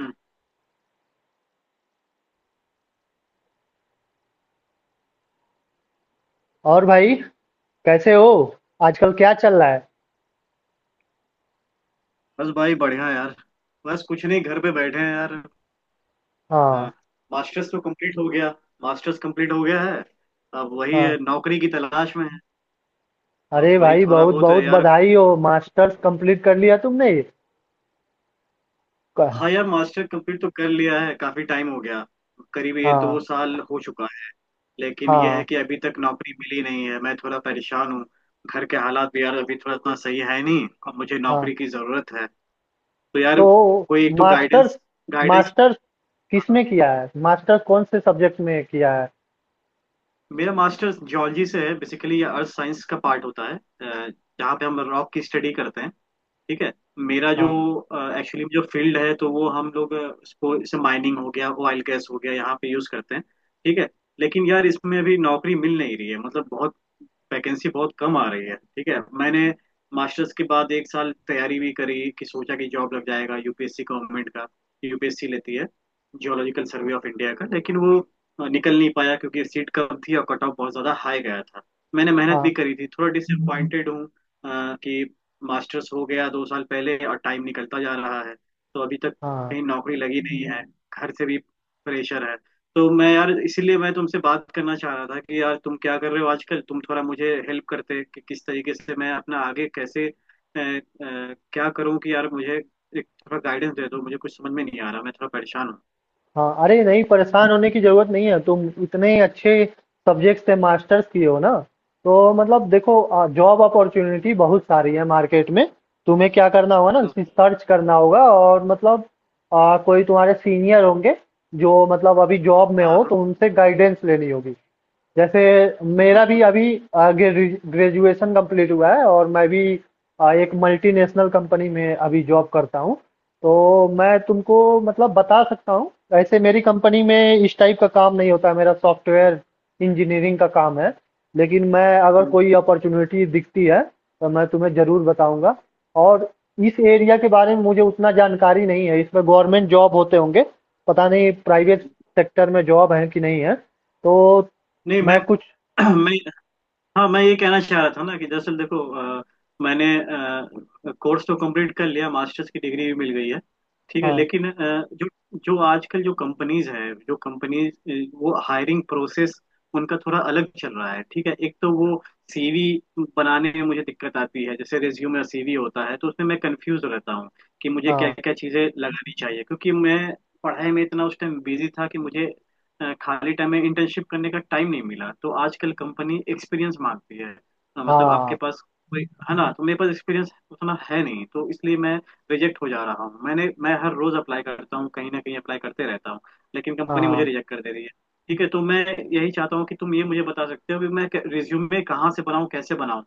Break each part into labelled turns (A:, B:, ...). A: हम्म,
B: और भाई, कैसे हो? आजकल क्या चल रहा है?
A: बस भाई बढ़िया यार। बस कुछ नहीं, घर पे बैठे हैं यार। आ,
B: हाँ।
A: मास्टर्स तो कंप्लीट हो गया। मास्टर्स कंप्लीट हो गया है। अब वही
B: हाँ,
A: है, नौकरी की तलाश में है। अब
B: अरे
A: वही
B: भाई,
A: थोड़ा
B: बहुत
A: बहुत है
B: बहुत
A: यार।
B: बधाई हो, मास्टर्स कंप्लीट कर लिया तुमने। क-
A: हाँ यार, मास्टर कंप्लीट तो कर लिया है, काफी टाइम हो गया। करीब ये
B: हाँ।
A: दो साल हो चुका है। लेकिन यह है
B: हाँ।
A: कि अभी तक नौकरी मिली नहीं है, मैं थोड़ा परेशान हूँ। घर के हालात भी यार अभी थोड़ा इतना सही है नहीं, और मुझे
B: हाँ,
A: नौकरी की जरूरत है। तो यार,
B: तो
A: कोई एक तो
B: मास्टर्स
A: गाइडेंस, गाइडेंस।
B: मास्टर्स किस में किया है, मास्टर्स कौन से सब्जेक्ट में किया है?
A: मेरा मास्टर्स जियोलॉजी से है। बेसिकली ये अर्थ साइंस का पार्ट होता है, जहाँ पे हम रॉक की स्टडी करते हैं। ठीक है। मेरा जो
B: हाँ।
A: एक्चुअली जो फील्ड है तो वो हम लोग उसको जैसे माइनिंग हो गया, ऑयल गैस हो गया, यहाँ पे यूज करते हैं। ठीक है। लेकिन यार इसमें अभी नौकरी मिल नहीं रही है, मतलब बहुत वैकेंसी बहुत कम आ रही है। ठीक है। मैंने मास्टर्स के बाद एक साल तैयारी भी करी कि सोचा कि जॉब लग जाएगा, यूपीएससी गवर्नमेंट का। यूपीएससी लेती है जियोलॉजिकल सर्वे ऑफ इंडिया का, लेकिन वो निकल नहीं पाया, क्योंकि सीट कम थी और कट ऑफ बहुत ज्यादा हाई गया था। मैंने मेहनत भी
B: हाँ।
A: करी थी, थोड़ा डिसअपॉइंटेड हूँ कि मास्टर्स हो गया दो साल पहले और टाइम निकलता जा रहा है, तो अभी तक
B: हाँ।
A: कहीं नौकरी लगी नहीं है। घर से भी प्रेशर है। तो मैं यार इसीलिए मैं तुमसे बात करना चाह रहा था कि यार तुम क्या कर रहे हो आजकल, तुम थोड़ा मुझे हेल्प करते कि किस तरीके से मैं अपना आगे कैसे क्या करूं, कि यार मुझे एक थोड़ा गाइडेंस दे दो, मुझे कुछ समझ में नहीं आ रहा, मैं थोड़ा परेशान हूँ।
B: हाँ, अरे नहीं, परेशान होने की ज़रूरत नहीं है। तुम इतने अच्छे सब्जेक्ट से मास्टर्स किए हो ना, तो मतलब देखो, जॉब अपॉर्च्युनिटी बहुत सारी है मार्केट में। तुम्हें क्या करना होगा ना,
A: हाँ,
B: सर्च करना होगा। और मतलब कोई तुम्हारे सीनियर होंगे जो मतलब अभी जॉब में हो,
A: हाँ
B: तो उनसे गाइडेंस लेनी होगी। जैसे
A: हाँ,
B: मेरा
A: हाँ,
B: भी अभी आगे ग्रेजुएशन कंप्लीट हुआ है और मैं भी एक मल्टीनेशनल कंपनी में अभी जॉब करता हूँ। तो मैं तुमको मतलब बता सकता हूँ, वैसे मेरी कंपनी में इस टाइप का काम नहीं होता है, मेरा सॉफ्टवेयर इंजीनियरिंग का काम है। लेकिन मैं अगर
A: हाँ।
B: कोई अपॉर्चुनिटी दिखती है तो मैं तुम्हें ज़रूर बताऊंगा। और इस एरिया के बारे में मुझे उतना जानकारी नहीं है, इसमें गवर्नमेंट जॉब होते होंगे, पता नहीं प्राइवेट सेक्टर में जॉब है कि नहीं है। तो
A: नहीं मैं
B: मैं कुछ
A: मैं, हाँ मैं ये कहना चाह रहा था ना कि दरअसल देखो, अ, मैंने कोर्स तो कंप्लीट कर लिया, मास्टर्स की डिग्री भी मिल गई है। ठीक है,
B: हाँ।
A: लेकिन जो जो आजकल जो कंपनीज हैं, जो कंपनीज, वो हायरिंग प्रोसेस उनका थोड़ा अलग चल रहा है। ठीक है। एक तो वो सीवी बनाने में मुझे दिक्कत आती है, जैसे रिज्यूमे और सीवी होता है तो उसमें मैं कंफ्यूज रहता हूँ कि मुझे क्या
B: हाँ।
A: क्या चीज़ें लगानी चाहिए, क्योंकि मैं पढ़ाई में इतना उस टाइम बिजी था कि मुझे खाली टाइम में इंटर्नशिप करने का टाइम नहीं मिला। तो आजकल कंपनी एक्सपीरियंस मांगती है, मतलब आपके
B: हाँ।
A: पास कोई, है ना, तो मेरे पास एक्सपीरियंस उतना है नहीं, तो इसलिए मैं रिजेक्ट हो जा रहा हूँ। मैं हर रोज अप्लाई करता हूँ, कहीं ना कहीं अप्लाई करते रहता हूँ, लेकिन कंपनी मुझे
B: हाँ।
A: रिजेक्ट कर दे रही है। ठीक है। तो मैं यही चाहता हूँ कि तुम ये मुझे बता सकते हो कि मैं रिज्यूमे कहाँ से बनाऊँ, कैसे बनाऊँ।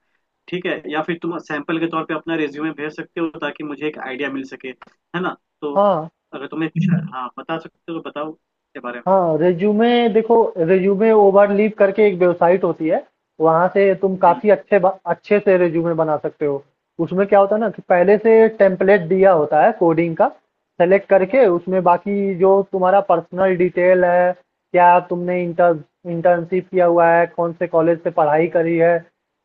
A: ठीक है, या फिर तुम सैंपल के तौर पे अपना रिज्यूमे भेज सकते हो ताकि मुझे एक आइडिया मिल सके, है ना। तो
B: हाँ।
A: अगर तुम्हें कुछ हाँ बता सकते हो तो बताओ के बारे में।
B: हाँ। रिज्यूमे, देखो, रिज्यूमे ओवरलीप करके एक वेबसाइट होती है। वहां से तुम
A: हम्म।
B: काफी अच्छे अच्छे से रिज्यूमे बना सकते हो। उसमें क्या होता है ना कि पहले से टेम्पलेट दिया होता है कोडिंग का, सेलेक्ट करके उसमें बाकी जो तुम्हारा पर्सनल डिटेल है, क्या तुमने इंटर्नशिप किया हुआ है, कौन से कॉलेज से पढ़ाई करी है,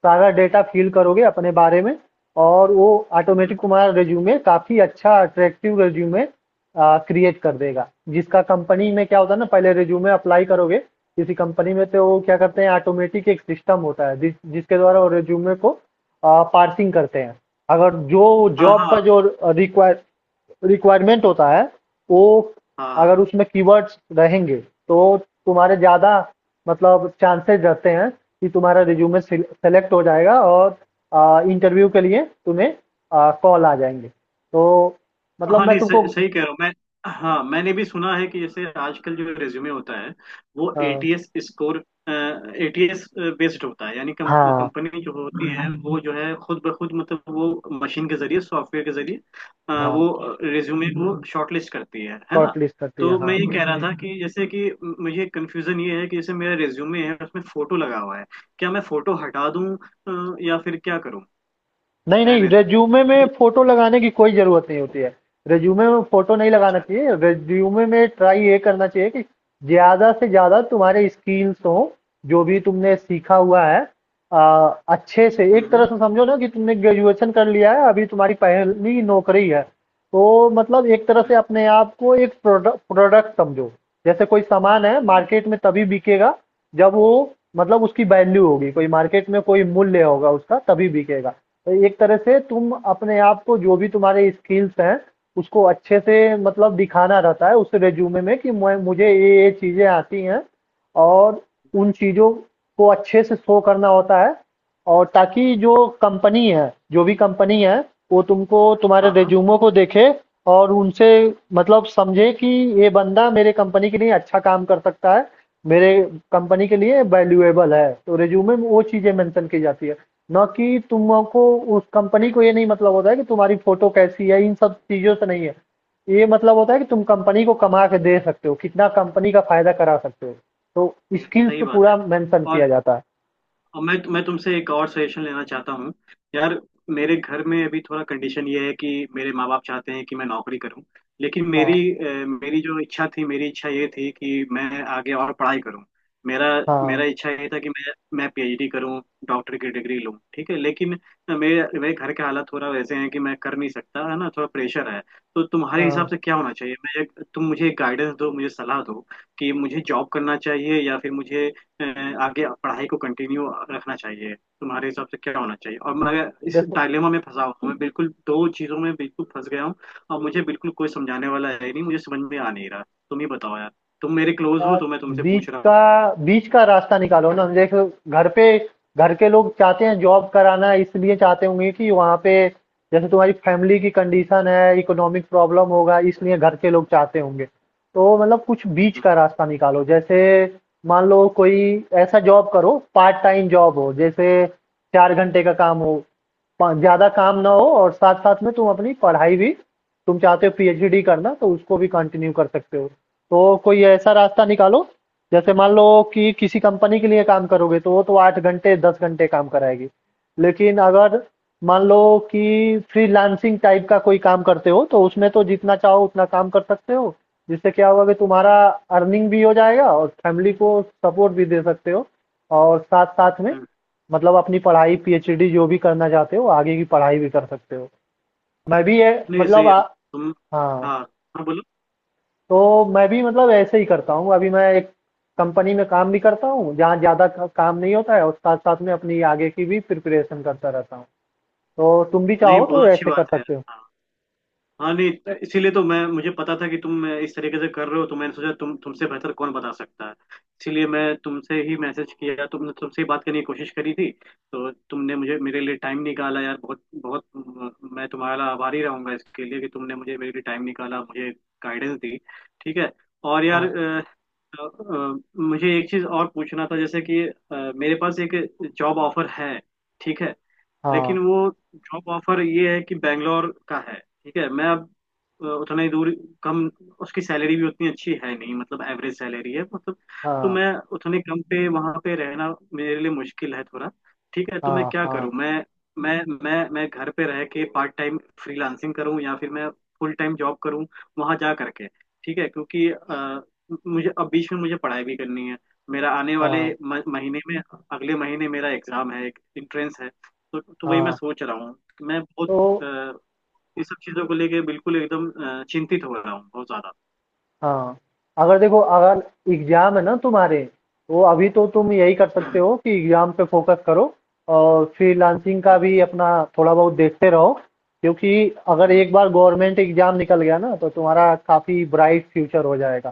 B: सारा डेटा फिल करोगे अपने बारे में। और वो
A: हम्म,
B: ऑटोमेटिक तुम्हारा रिज्यूमे काफी अच्छा अट्रैक्टिव रिज्यूमे क्रिएट कर देगा। जिसका कंपनी में क्या होता है ना, पहले रिज्यूमे अप्लाई करोगे किसी कंपनी में, तो वो क्या करते हैं, ऑटोमेटिक एक सिस्टम होता है जिसके द्वारा वो रिज्यूमे को पार्सिंग करते हैं। अगर जो
A: हाँ
B: जॉब
A: हाँ।
B: का जो रिक्वायर रिक्वायरमेंट होता है, वो
A: हाँ
B: अगर उसमें कीवर्ड्स रहेंगे तो तुम्हारे ज़्यादा मतलब चांसेस रहते हैं कि तुम्हारा रिज्यूमे सेलेक्ट हो जाएगा और इंटरव्यू के लिए तुम्हें कॉल आ जाएंगे। तो मतलब
A: हाँ,
B: मैं
A: नहीं
B: तुमको
A: सही, सही कह रहा हूँ मैं। हाँ मैंने भी सुना है कि जैसे आजकल जो रेज्यूमे होता है वो
B: हाँ।
A: एटीएस स्कोर, एटीएस बेस्ड होता है, यानी कम,
B: हाँ।
A: कंपनी जो होती है वो जो है खुद ब खुद, मतलब वो मशीन के जरिए, सॉफ्टवेयर के जरिए
B: हाँ।
A: वो रेज्यूमे को शॉर्टलिस्ट करती है ना।
B: शॉर्टलिस्ट करती है,
A: तो मैं
B: हाँ।
A: ये कह रहा था कि जैसे कि मुझे कंफ्यूजन ये है कि जैसे मेरा रेज्यूमे है उसमें फोटो लगा हुआ है, क्या मैं फोटो हटा दूं, या फिर क्या करूं,
B: नहीं नहीं,
A: रहने दूं।
B: रेज्यूमे में फोटो लगाने की कोई जरूरत नहीं होती है। रेज्यूमे में फोटो नहीं लगाना
A: अच्छा।
B: चाहिए, रेज्यूमे में ट्राई ये करना चाहिए कि ज्यादा से ज्यादा तुम्हारे स्किल्स हो, जो भी तुमने सीखा हुआ है। अच्छे से
A: हम्म
B: एक तरह
A: हम्म।
B: से समझो ना कि तुमने ग्रेजुएशन कर लिया है, अभी तुम्हारी पहली नौकरी है, तो मतलब एक तरह से
A: हम्म,
B: अपने आप को एक प्रोडक्ट प्रोडक्ट समझो। जैसे कोई सामान है
A: हम्म,
B: मार्केट में, तभी बिकेगा जब वो मतलब उसकी वैल्यू होगी, कोई मार्केट में कोई मूल्य होगा उसका, तभी बिकेगा। तो एक तरह से तुम अपने आप को, जो भी तुम्हारे स्किल्स हैं, उसको अच्छे से मतलब दिखाना रहता है उस रेज्यूमे में कि मैं, मुझे ये चीजें आती हैं, और उन चीजों को अच्छे से शो करना होता है। और ताकि जो कंपनी है, जो भी कंपनी है, वो तुमको तुम्हारे
A: हाँ हाँ।
B: रिज्यूमो को देखे और उनसे मतलब समझे कि ये बंदा मेरे कंपनी के लिए अच्छा काम कर सकता है, मेरे कंपनी के लिए वैल्यूएबल है। तो रिज्यूमे में वो चीज़ें मेंशन की जाती है, ना कि तुमको, उस कंपनी को ये नहीं मतलब होता है कि तुम्हारी फोटो कैसी है, इन सब चीज़ों से नहीं है। ये मतलब होता है कि तुम कंपनी को कमा के दे सकते हो, कितना कंपनी का फायदा करा सकते हो। तो
A: ये
B: स्किल्स
A: सही
B: पे
A: बात है।
B: पूरा मेंशन किया
A: और
B: जाता है।
A: और मैं तुमसे एक और सजेशन लेना चाहता हूँ यार। मेरे घर में अभी थोड़ा कंडीशन ये है कि मेरे माँ बाप चाहते हैं कि मैं नौकरी करूँ, लेकिन
B: हाँ।
A: मेरी जो इच्छा थी, मेरी इच्छा ये थी कि मैं आगे और पढ़ाई करूँ। मेरा
B: हाँ।
A: मेरा इच्छा ये था कि मैं पीएचडी करूँ, डॉक्टर की डिग्री लूँ। ठीक है, लेकिन मेरे मेरे घर के हालात थोड़ा वैसे हैं कि मैं कर नहीं सकता, है ना, थोड़ा प्रेशर है। तो तुम्हारे हिसाब
B: हाँ।
A: से क्या होना चाहिए, मैं एक, तुम मुझे एक गाइडेंस दो, मुझे सलाह दो कि मुझे जॉब करना चाहिए या फिर मुझे अ, आगे पढ़ाई को कंटिन्यू रखना चाहिए। तुम्हारे हिसाब से क्या होना चाहिए, और मैं इस
B: देखो
A: डायलेमा में फंसा हुआ हूँ, मैं बिल्कुल दो चीजों में बिल्कुल फंस गया हूँ, और मुझे बिल्कुल कोई समझाने वाला है नहीं, मुझे समझ में आ नहीं रहा। तुम ही बताओ यार, तुम मेरे क्लोज हो
B: यार,
A: तो मैं तुमसे पूछ रहा हूँ।
B: बीच का रास्ता निकालो ना। देखो घर पे, घर के लोग चाहते हैं जॉब कराना, इसलिए चाहते होंगे कि वहाँ पे, जैसे तुम्हारी फैमिली की कंडीशन है, इकोनॉमिक प्रॉब्लम होगा, इसलिए घर के लोग चाहते होंगे। तो मतलब कुछ बीच
A: हम्म,
B: का रास्ता निकालो। जैसे मान लो कोई ऐसा जॉब करो, पार्ट टाइम जॉब हो, जैसे चार घंटे का काम हो, ज्यादा काम ना हो, और साथ साथ में तुम अपनी पढ़ाई भी, तुम चाहते हो पीएचडी करना तो उसको भी कंटिन्यू कर सकते हो। तो कोई ऐसा रास्ता निकालो। जैसे मान लो कि किसी कंपनी के लिए काम करोगे तो वो तो आठ घंटे दस घंटे काम कराएगी, लेकिन अगर मान लो कि फ्रीलांसिंग टाइप का कोई काम करते हो तो उसमें तो जितना चाहो उतना काम कर सकते हो। जिससे क्या होगा कि तुम्हारा अर्निंग भी हो जाएगा और फैमिली को सपोर्ट भी दे सकते हो, और साथ साथ में
A: हम्म।
B: मतलब अपनी पढ़ाई पीएचडी जो भी करना चाहते हो आगे की पढ़ाई भी कर सकते हो। मैं भी ये
A: नहीं
B: मतलब
A: सही है। तुम,
B: हाँ,
A: हाँ, हाँ बोलो।
B: तो मैं भी मतलब ऐसे ही करता हूँ। अभी मैं एक कंपनी में काम भी करता हूँ जहाँ ज़्यादा काम नहीं होता है और साथ साथ में अपनी आगे की भी प्रिपरेशन करता रहता हूँ। तो तुम भी
A: नहीं
B: चाहो तो
A: बहुत अच्छी
B: ऐसे कर
A: बात है।
B: सकते हो।
A: हाँ, हाँ, नहीं, तो इसीलिए तो मैं, मुझे पता था कि तुम इस तरीके से कर रहे हो, तो मैंने सोचा तुमसे बेहतर कौन बता सकता है। इसीलिए मैं तुमसे ही मैसेज किया, तुमने, तुमसे ही बात करने की कोशिश करी थी। तो तुमने मुझे मेरे लिए टाइम निकाला यार, बहुत बहुत मैं तुम्हारा आभारी रहूंगा इसके लिए कि तुमने मुझे, मेरे लिए टाइम निकाला, मुझे गाइडेंस दी। ठीक है। और यार,
B: हाँ।
A: मुझे एक चीज़ और पूछना था, जैसे कि मेरे पास एक जॉब ऑफर है। ठीक है,
B: हाँ।
A: लेकिन वो जॉब ऑफर ये है कि बैंगलोर का है। ठीक है। मैं अब उतना ही दूर, कम, उसकी सैलरी भी उतनी अच्छी है नहीं, मतलब एवरेज सैलरी है, मतलब। तो
B: हाँ।
A: मैं उतने कम पे वहां पे रहना मेरे लिए मुश्किल है थोड़ा। ठीक है। तो मैं
B: हाँ।
A: क्या
B: हाँ।
A: करूं, मैं मैं घर पे रह के पार्ट टाइम फ्रीलांसिंग करूं या फिर मैं फुल टाइम जॉब करूं वहां जा करके। ठीक है। क्योंकि मुझे अब बीच में मुझे पढ़ाई भी करनी है। मेरा आने वाले
B: हाँ।
A: महीने में, अगले महीने मेरा एग्जाम है, एक एंट्रेंस है। तो वही मैं
B: हाँ,
A: सोच रहा हूँ। मैं बहुत
B: तो
A: अ, इस सब चीजों को लेके बिल्कुल एकदम चिंतित हो रहा हूँ बहुत ज्यादा।
B: हाँ, अगर देखो, अगर एग्ज़ाम है ना तुम्हारे, तो अभी तो तुम यही कर सकते
A: हम्म,
B: हो कि एग्ज़ाम पे फोकस करो और फ्रीलांसिंग का
A: हम्म,
B: भी अपना थोड़ा बहुत देखते रहो, क्योंकि अगर
A: हम्म।
B: एक बार गवर्नमेंट एग्ज़ाम निकल गया ना तो तुम्हारा काफ़ी ब्राइट फ्यूचर हो जाएगा।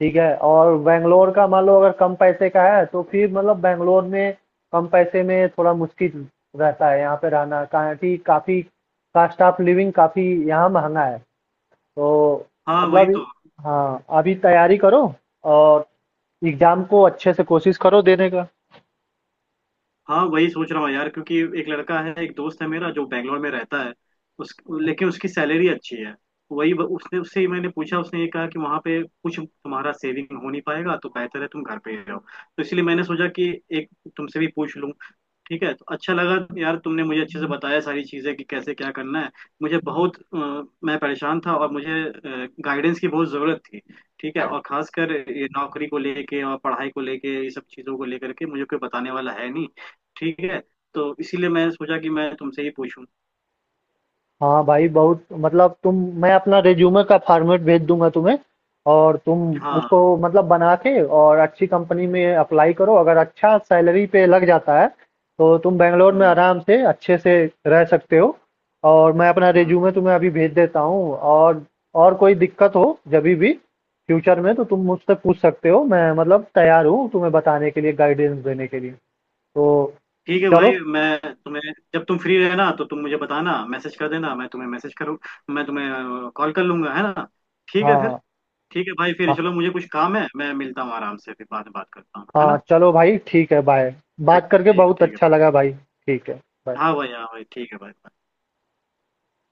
B: ठीक है? और बैंगलोर का मान लो अगर कम पैसे का है तो फिर मतलब बैंगलोर में कम पैसे में थोड़ा मुश्किल रहता है यहाँ पे रहना, कारण कि काफ़ी कॉस्ट ऑफ लिविंग काफ़ी यहाँ महँगा है। तो
A: हाँ वही
B: मतलब
A: तो।
B: हाँ, अभी तैयारी करो और एग्ज़ाम को अच्छे से कोशिश करो देने का।
A: हाँ वही सोच रहा हूँ यार, क्योंकि एक लड़का है, एक दोस्त है मेरा जो बैंगलोर में रहता है। उस, लेकिन उसकी सैलरी अच्छी है। वही, उसने, उससे ही मैंने पूछा, उसने ये कहा कि वहां पे कुछ तुम्हारा सेविंग हो नहीं पाएगा, तो बेहतर है तुम घर पे ही रहो, तो इसलिए मैंने सोचा कि एक तुमसे भी पूछ लूँ। ठीक है, तो अच्छा लगा यार। तुमने मुझे अच्छे से बताया सारी चीज़ें कि कैसे क्या करना है। मुझे बहुत मैं परेशान था और मुझे गाइडेंस की बहुत ज़रूरत थी। ठीक है, और खासकर ये नौकरी को लेके और पढ़ाई को लेके, ये सब चीज़ों को लेकर के मुझे कोई बताने वाला है नहीं। ठीक है, तो इसीलिए मैं सोचा कि मैं तुमसे ही पूछूं।
B: हाँ भाई, बहुत मतलब तुम, मैं अपना रिज्यूमे का फॉर्मेट भेज दूंगा तुम्हें और तुम
A: हाँ,
B: उसको मतलब बना के और अच्छी कंपनी में अप्लाई करो। अगर अच्छा सैलरी पे लग जाता है तो तुम बेंगलोर में
A: हम्म,
B: आराम से अच्छे से रह सकते हो। और मैं अपना
A: हम्म।
B: रिज्यूमे तुम्हें अभी भेज देता हूँ, और कोई दिक्कत हो जब भी फ्यूचर में तो तुम मुझसे पूछ सकते हो, मैं मतलब तैयार हूँ तुम्हें बताने के लिए गाइडेंस देने के लिए। तो
A: ठीक है भाई,
B: चलो।
A: मैं तुम्हें, जब तुम फ्री रहना तो तुम मुझे बताना, मैसेज कर देना, मैं तुम्हें मैसेज करूँ, मैं तुम्हें कॉल कर लूंगा, है ना। ठीक है फिर।
B: हाँ।
A: ठीक है भाई, फिर
B: हाँ।
A: चलो, मुझे कुछ काम है, मैं मिलता हूँ आराम से, फिर बाद में बात करता हूँ, है
B: हाँ
A: ना।
B: चलो भाई, ठीक है, बाय। बात
A: ठीक है,
B: करके
A: ठीक
B: बहुत
A: है, ठीक है
B: अच्छा
A: भाई।
B: लगा भाई, ठीक है, बाय।
A: हाँ भाई, हाँ भाई, ठीक है भाई।